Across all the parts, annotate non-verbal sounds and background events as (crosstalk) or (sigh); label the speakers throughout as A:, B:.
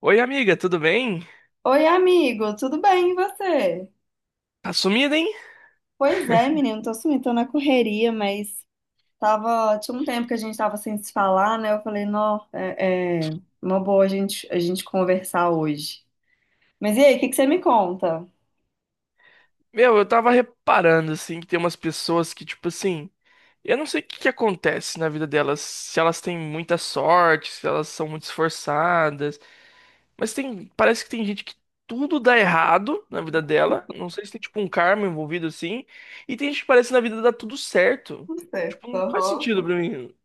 A: Oi, amiga, tudo bem?
B: Oi, amigo, tudo bem e você?
A: Tá sumida, hein?
B: Pois é, menino, tô sumindo, tô na correria, mas tinha um tempo que a gente tava sem se falar, né? Eu falei, não, é uma boa a gente conversar hoje. Mas e aí, o que que você me conta?
A: Meu, eu tava reparando, assim, que tem umas pessoas que, tipo assim, eu não sei o que que acontece na vida delas, se elas têm muita sorte, se elas são muito esforçadas, mas tem, parece que tem gente que tudo dá errado na vida dela, não sei se tem, tipo, um karma envolvido, assim, e tem gente que parece que na vida dá tudo certo,
B: Tudo certo,
A: tipo, não faz
B: aham.
A: sentido pra mim.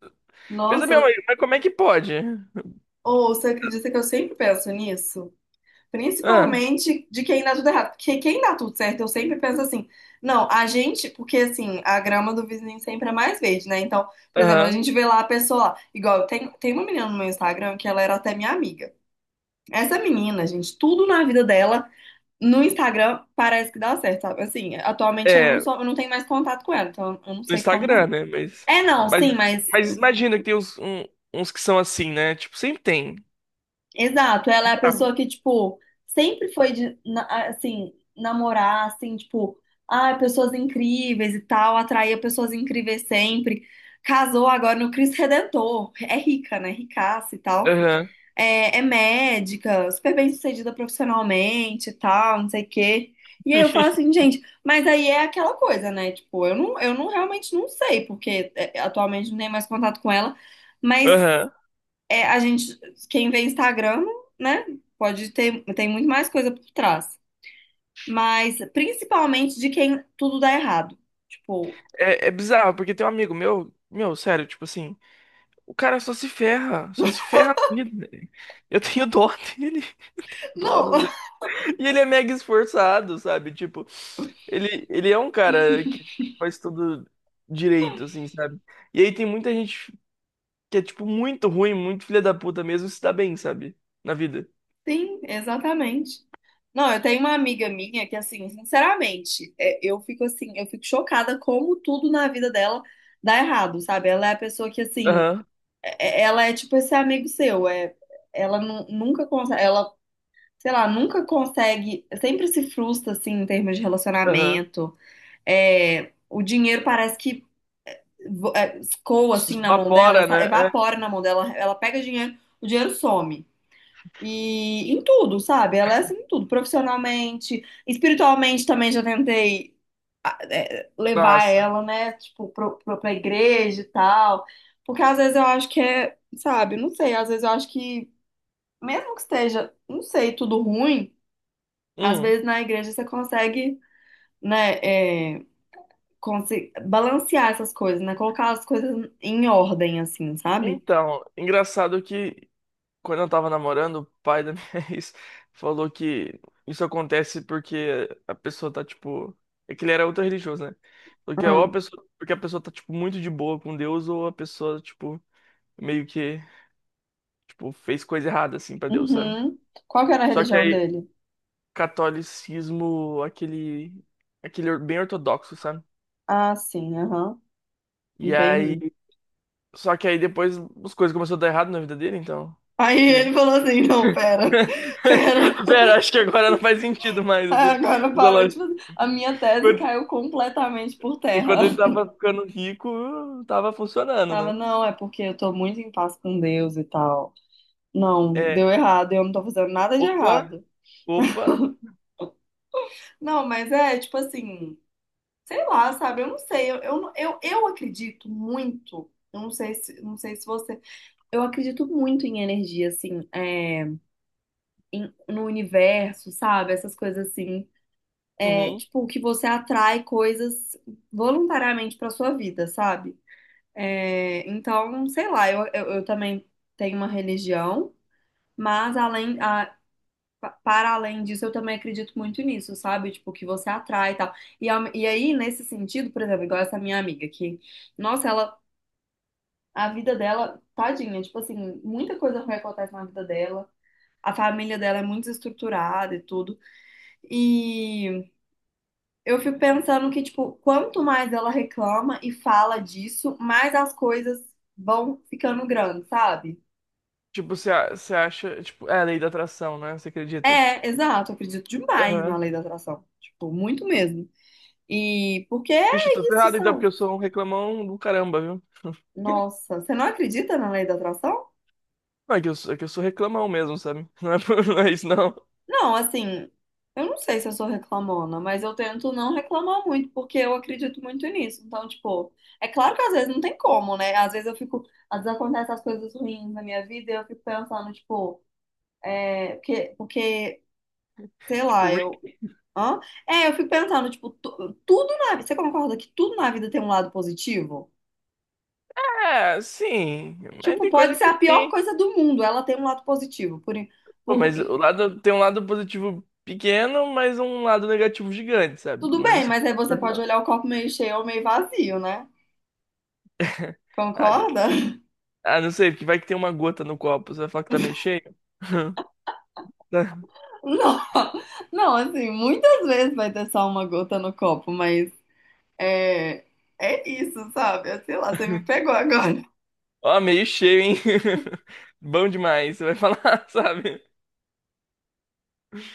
A: Pensa,
B: Nossa,
A: meu, mas como é que pode?
B: ou você acredita que eu sempre penso nisso?
A: Ah,
B: Principalmente de quem dá tudo errado. Porque quem dá tudo certo, eu sempre penso assim, não, porque assim, a grama do vizinho sempre é mais verde, né? Então, por exemplo, a
A: aham,
B: gente vê lá a pessoa lá, igual tem uma menina no meu Instagram que ela era até minha amiga. Essa menina, gente, tudo na vida dela no Instagram parece que dá certo, sabe? Assim, atualmente
A: é.
B: eu não tenho mais contato com ela, então eu não
A: No
B: sei
A: Instagram,
B: como
A: né?
B: é. É, não, sim,
A: Mas,
B: mas.
A: mas imagina que tem uns que são assim, né? Tipo, sempre tem.
B: Exato, ela é a
A: Ah,
B: pessoa que, tipo, sempre foi de, assim, namorar, assim, tipo, ah, pessoas incríveis e tal, atraía pessoas incríveis sempre. Casou agora no Cristo Redentor, é rica, né? Ricaça e tal.
A: aham.
B: É médica, super bem-sucedida profissionalmente e tal, não sei o quê. E aí eu falo assim,
A: (laughs)
B: gente, mas aí é aquela coisa, né? Tipo, eu não realmente não sei, porque é, atualmente não tenho mais contato com ela, mas
A: Aham.
B: é, quem vê Instagram, né, tem muito mais coisa por trás. Mas principalmente de quem tudo dá errado. Tipo,
A: É, é bizarro, porque tem um amigo meu, sério, tipo assim, o cara só se ferra na vida, né? Eu tenho dó dele, (laughs) dó,
B: não,
A: não sei.
B: (laughs)
A: E ele é mega esforçado, sabe? Tipo, ele é um cara que faz tudo direito, assim, sabe? E aí tem muita gente que é, tipo, muito ruim, muito filha da puta mesmo, se dá bem, sabe? Na vida.
B: sim, exatamente. Não, eu tenho uma amiga minha que, assim, sinceramente, é, eu fico chocada como tudo na vida dela dá errado, sabe? Ela é a pessoa que, assim,
A: Aham.
B: ela é tipo esse amigo seu, é, ela nunca consegue, ela, sei lá, nunca consegue, sempre se frustra, assim, em termos de
A: Aham.
B: relacionamento. O dinheiro parece que escoa assim na mão dela,
A: Evapora, né? É.
B: evapora na mão dela, ela pega dinheiro, o dinheiro some. E em tudo, sabe? Ela é assim em tudo, profissionalmente, espiritualmente também já tentei levar
A: Nossa.
B: ela, né, tipo, pra igreja e tal. Porque às vezes eu acho que sabe, não sei, às vezes eu acho que, mesmo que esteja, não sei, tudo ruim, às
A: Hum.
B: vezes na igreja você consegue, né, balancear essas coisas, né? Colocar as coisas em ordem, assim, sabe?
A: Então, engraçado que quando eu tava namorando, o pai da minha (laughs) ex falou que isso acontece porque a pessoa tá, tipo. É que ele era ultra religioso, né? Porque
B: Ah,
A: ou a pessoa, porque a pessoa tá, tipo, muito de boa com Deus, ou a pessoa, tipo, meio que, tipo, fez coisa errada, assim, pra Deus, sabe?
B: uhum. Qual que era a
A: Só que
B: religião
A: aí,
B: dele?
A: catolicismo, aquele. Aquele bem ortodoxo, sabe?
B: Ah, sim, aham.
A: E
B: Entendi.
A: aí Só que aí depois as coisas começaram a dar errado na vida dele, então.
B: Aí
A: Acho
B: ele
A: que.
B: falou assim, não,
A: (laughs)
B: pera, (laughs) pera.
A: Pera, acho que agora não faz sentido mais
B: Aí
A: essa,
B: agora
A: essa
B: parou,
A: lógica.
B: tipo, a minha tese
A: Enquanto,
B: caiu completamente por terra.
A: enquanto ele
B: (laughs)
A: tava ficando rico, tava funcionando,
B: Tava,
A: né?
B: não, é porque eu tô muito em paz com Deus e tal. Não,
A: É.
B: deu errado, eu não tô fazendo nada de
A: Opa,
B: errado.
A: opa.
B: Não, mas é, tipo assim, sei lá, sabe? Eu não sei. Eu acredito muito. Eu não sei se, Não sei se você. Eu acredito muito em energia, assim, no universo, sabe? Essas coisas assim. É
A: Uhum.
B: tipo que você atrai coisas voluntariamente pra sua vida, sabe? É, então, sei lá, eu também tenho uma religião, mas para além disso, eu também acredito muito nisso, sabe? Tipo, que você atrai e tal. E aí, nesse sentido, por exemplo, igual essa minha amiga que. Nossa, ela A vida dela, tadinha, tipo assim, muita coisa ruim acontece na vida dela. A família dela é muito estruturada e tudo. E eu fico pensando que, tipo, quanto mais ela reclama e fala disso, mais as coisas vão ficando grandes, sabe?
A: Tipo, você acha. Tipo, é a lei da atração, né? Você acredita?
B: É, exato, eu acredito demais na
A: Aham.
B: lei da atração. Tipo, muito mesmo. E porque
A: Vixe, tô
B: é isso,
A: ferrado então, porque
B: sabe?
A: eu sou um reclamão do caramba, viu? (laughs)
B: Nossa, você não acredita na lei da atração?
A: Não, é que eu sou reclamão mesmo, sabe? Não é, (laughs) não é isso, não.
B: Não, assim, eu não sei se eu sou reclamona, mas eu tento não reclamar muito, porque eu acredito muito nisso. Então, tipo, é claro que às vezes não tem como, né? Às vezes acontecem as coisas ruins na minha vida e eu fico pensando, tipo, é, porque, sei
A: Tipo,
B: lá, eu.
A: Rick.
B: Hã? É, eu fico pensando, tipo, tudo na vida. Você concorda que tudo na vida tem um lado positivo?
A: É, sim. Mas
B: Tipo,
A: tem
B: pode
A: coisa
B: ser
A: que
B: a pior
A: tem.
B: coisa do mundo, ela tem um lado positivo.
A: Pô,
B: Por,
A: mas o lado tem um lado positivo pequeno, mas um lado negativo gigante, sabe?
B: Tudo
A: Não
B: bem,
A: sei.
B: mas aí você pode olhar o copo meio cheio ou meio vazio, né?
A: (laughs) Ah,
B: Concorda?
A: não sei, porque vai que tem uma gota no copo. Você vai falar que tá meio cheio? (laughs) Tá.
B: Não, não, assim, muitas vezes vai ter só uma gota no copo, mas é, é isso, sabe? É, sei lá, você me pegou agora. (laughs)
A: Ó, meio cheio, hein? (laughs) Bom demais, você vai falar, (laughs) sabe?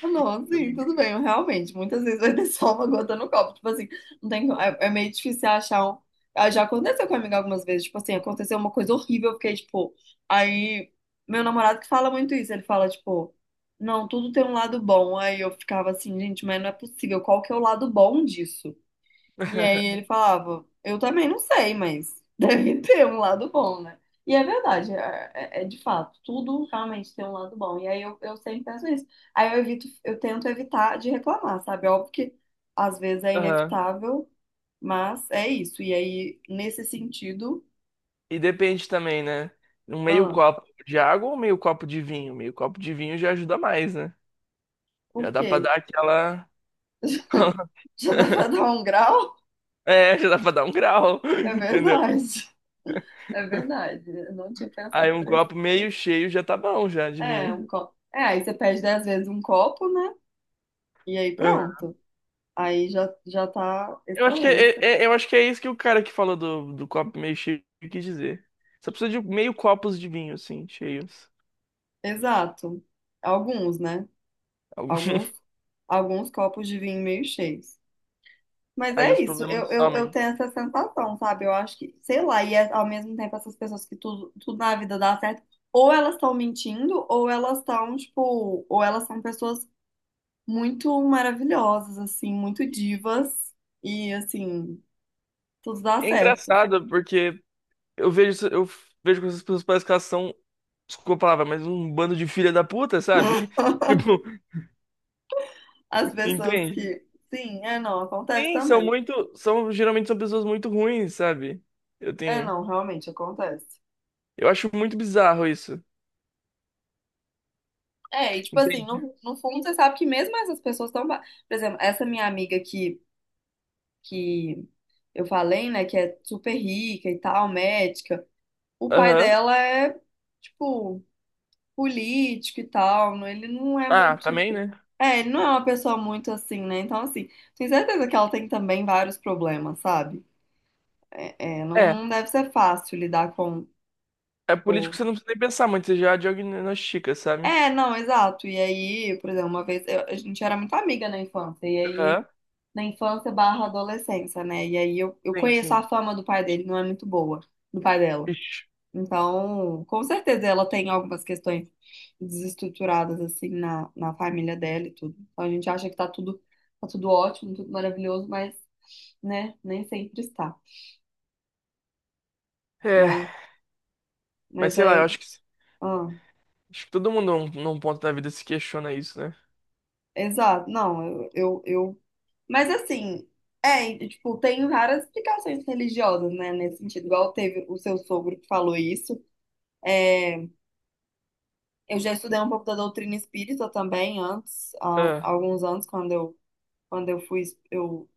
B: Ah, não, sim, tudo bem, realmente, muitas vezes vai ter só uma gota no copo. Tipo assim, não tem, co- é, é meio difícil achar um. Ah, já aconteceu comigo algumas vezes, tipo assim, aconteceu uma coisa horrível, eu fiquei, tipo, aí meu namorado que fala muito isso, ele fala, tipo, não, tudo tem um lado bom. Aí eu ficava assim, gente, mas não é possível, qual que é o lado bom disso? E aí ele
A: (laughs)
B: falava, eu também não sei, mas deve (laughs) ter um lado bom, né? E é verdade, é de fato, tudo realmente tem um lado bom. E aí eu sempre penso nisso. Aí eu tento evitar de reclamar, sabe? É óbvio que às vezes é
A: Aham.
B: inevitável, mas é isso. E aí, nesse sentido,
A: E depende também, né? Um meio
B: ah,
A: copo de água ou meio copo de vinho? Meio copo de vinho já ajuda mais, né? Já
B: por
A: dá pra
B: quê?
A: dar aquela.
B: (laughs) Já dá pra dar
A: (laughs)
B: um grau?
A: É, (laughs) já dá pra dar um grau, (laughs)
B: É
A: entendeu?
B: verdade. (laughs) É verdade. Eu não tinha pensado
A: Aí um
B: por esse.
A: copo meio cheio já tá bom, já, de
B: É,
A: vinho.
B: um copo. É, aí você pede 10 vezes um copo, né? E aí
A: Aham.
B: pronto. Aí já tá
A: Eu acho que é,
B: excelente.
A: é- é, eu acho que é isso que o cara que falou do copo meio cheio quis dizer. Só precisa de meio copos de vinho, assim, cheios.
B: Exato. Alguns, né?
A: Algum-
B: Alguns,
A: (laughs)
B: alguns copos de vinho meio cheios. Mas
A: Aí
B: é
A: os
B: isso, eu,
A: problemas
B: eu, eu
A: somem.
B: tenho essa sensação, sabe? Eu acho que, sei lá, e ao mesmo tempo essas pessoas que tudo na vida dá certo, ou elas estão mentindo, ou ou elas são pessoas muito maravilhosas, assim, muito divas, e assim, tudo dá
A: É
B: certo.
A: engraçado, porque eu vejo que essas pessoas parecem que elas são, desculpa a palavra, mas um bando de filha da puta, sabe? (laughs) Tipo,
B: As pessoas
A: entende?
B: que, sim, é não, acontece
A: Sim,
B: também.
A: geralmente são pessoas muito ruins, sabe? Eu
B: É
A: tenho.
B: não, realmente acontece.
A: Eu acho muito bizarro isso.
B: É, e tipo assim,
A: Entendi.
B: no fundo você sabe que mesmo essas pessoas estão. Por exemplo, essa minha amiga que eu falei, né, que é super rica e tal, médica, o pai
A: Aham.
B: dela é, tipo, político e tal, ele não é
A: Ah,
B: muito.
A: também, né?
B: É, ele não é uma pessoa muito assim, né? Então, assim, tenho certeza que ela tem também vários problemas, sabe? É, não,
A: É.
B: não deve ser fácil lidar com,
A: É político,
B: com.
A: você não precisa nem pensar muito, você já diagnostica, sabe?
B: É, não, exato. E aí, por exemplo, uma vez a gente era muito amiga na infância, e aí.
A: Aham.
B: Na infância barra adolescência, né? E aí eu
A: Sim,
B: conheço a
A: sim.
B: fama do pai dele, não é muito boa, do pai dela.
A: Ixi.
B: Então, com certeza ela tem algumas questões desestruturadas, assim, na família dela e tudo. Então a gente acha que tá tudo ótimo, tudo maravilhoso, mas, né, nem sempre está.
A: É.
B: Mas,
A: Mas
B: mas
A: sei lá, eu
B: aí,
A: acho que,
B: ah,
A: acho que todo mundo num ponto da vida se questiona isso, né?
B: exato, não, mas assim, e, tipo, tem várias explicações religiosas, né, nesse sentido, igual teve o seu sogro que falou isso, É, eu já estudei um pouco da doutrina espírita também antes, há
A: Ah,
B: alguns anos, quando eu fui, eu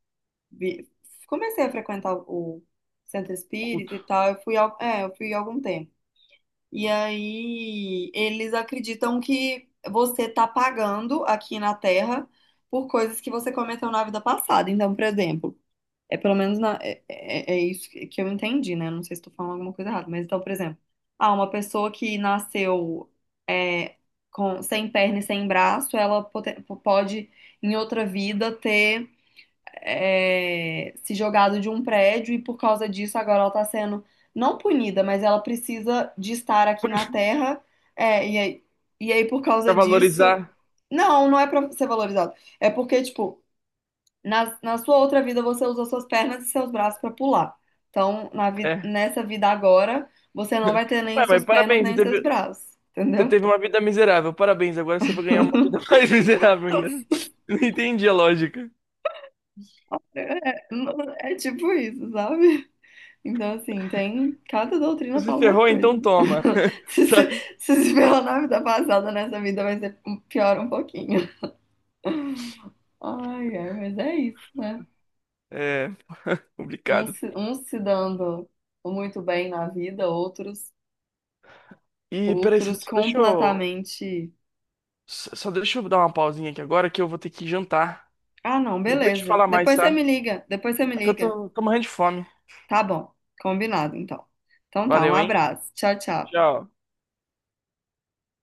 B: vi- comecei a frequentar o centro espírita e
A: culto.
B: tal, eu fui, eu fui há algum tempo. E aí eles acreditam que você tá pagando aqui na Terra por coisas que você cometeu na vida passada. Então, por exemplo, é pelo menos é isso que eu entendi, né? Não sei se estou falando alguma coisa errada, mas então, por exemplo, ah, uma pessoa que nasceu é, sem perna e sem braço, ela pode, em outra vida, ter se jogado de um prédio e por causa disso agora ela está sendo não punida, mas ela precisa de estar aqui na Terra, é, e aí, e aí por
A: Pra
B: causa disso.
A: valorizar.
B: Não, não é para ser valorizado. É porque, tipo. Na sua outra vida, você usa suas pernas e seus braços para pular. Então,
A: É.
B: nessa vida agora, você não vai ter nem
A: Ué,
B: as
A: mas
B: suas pernas
A: parabéns, você
B: nem os seus
A: teve,
B: braços.
A: você
B: Entendeu?
A: teve uma vida miserável. Parabéns, agora você vai ganhar uma vida (laughs)
B: (laughs)
A: mais miserável ainda. Não entendi a lógica.
B: É, é tipo isso, sabe? Então, assim, tem. Cada doutrina
A: Você
B: fala uma
A: ferrou, então
B: coisa.
A: toma.
B: (laughs)
A: (laughs)
B: Se se,
A: Sabe?
B: se se pela na vida passada, nessa vida vai ser pior um pouquinho. Ai, ai, mas é isso, né?
A: É. (laughs) Complicado.
B: Uns se dando muito bem na vida, outros,
A: E peraí, só
B: outros
A: só deixa eu.
B: completamente.
A: Só deixa eu dar uma pausinha aqui agora que eu vou ter que jantar.
B: Ah, não,
A: Depois te
B: beleza.
A: falar mais,
B: Depois você
A: tá?
B: me liga, depois você me
A: É que eu
B: liga.
A: tô morrendo de fome.
B: Tá bom, combinado então. Então tá, um
A: Valeu, hein?
B: abraço. Tchau, tchau.
A: Tchau.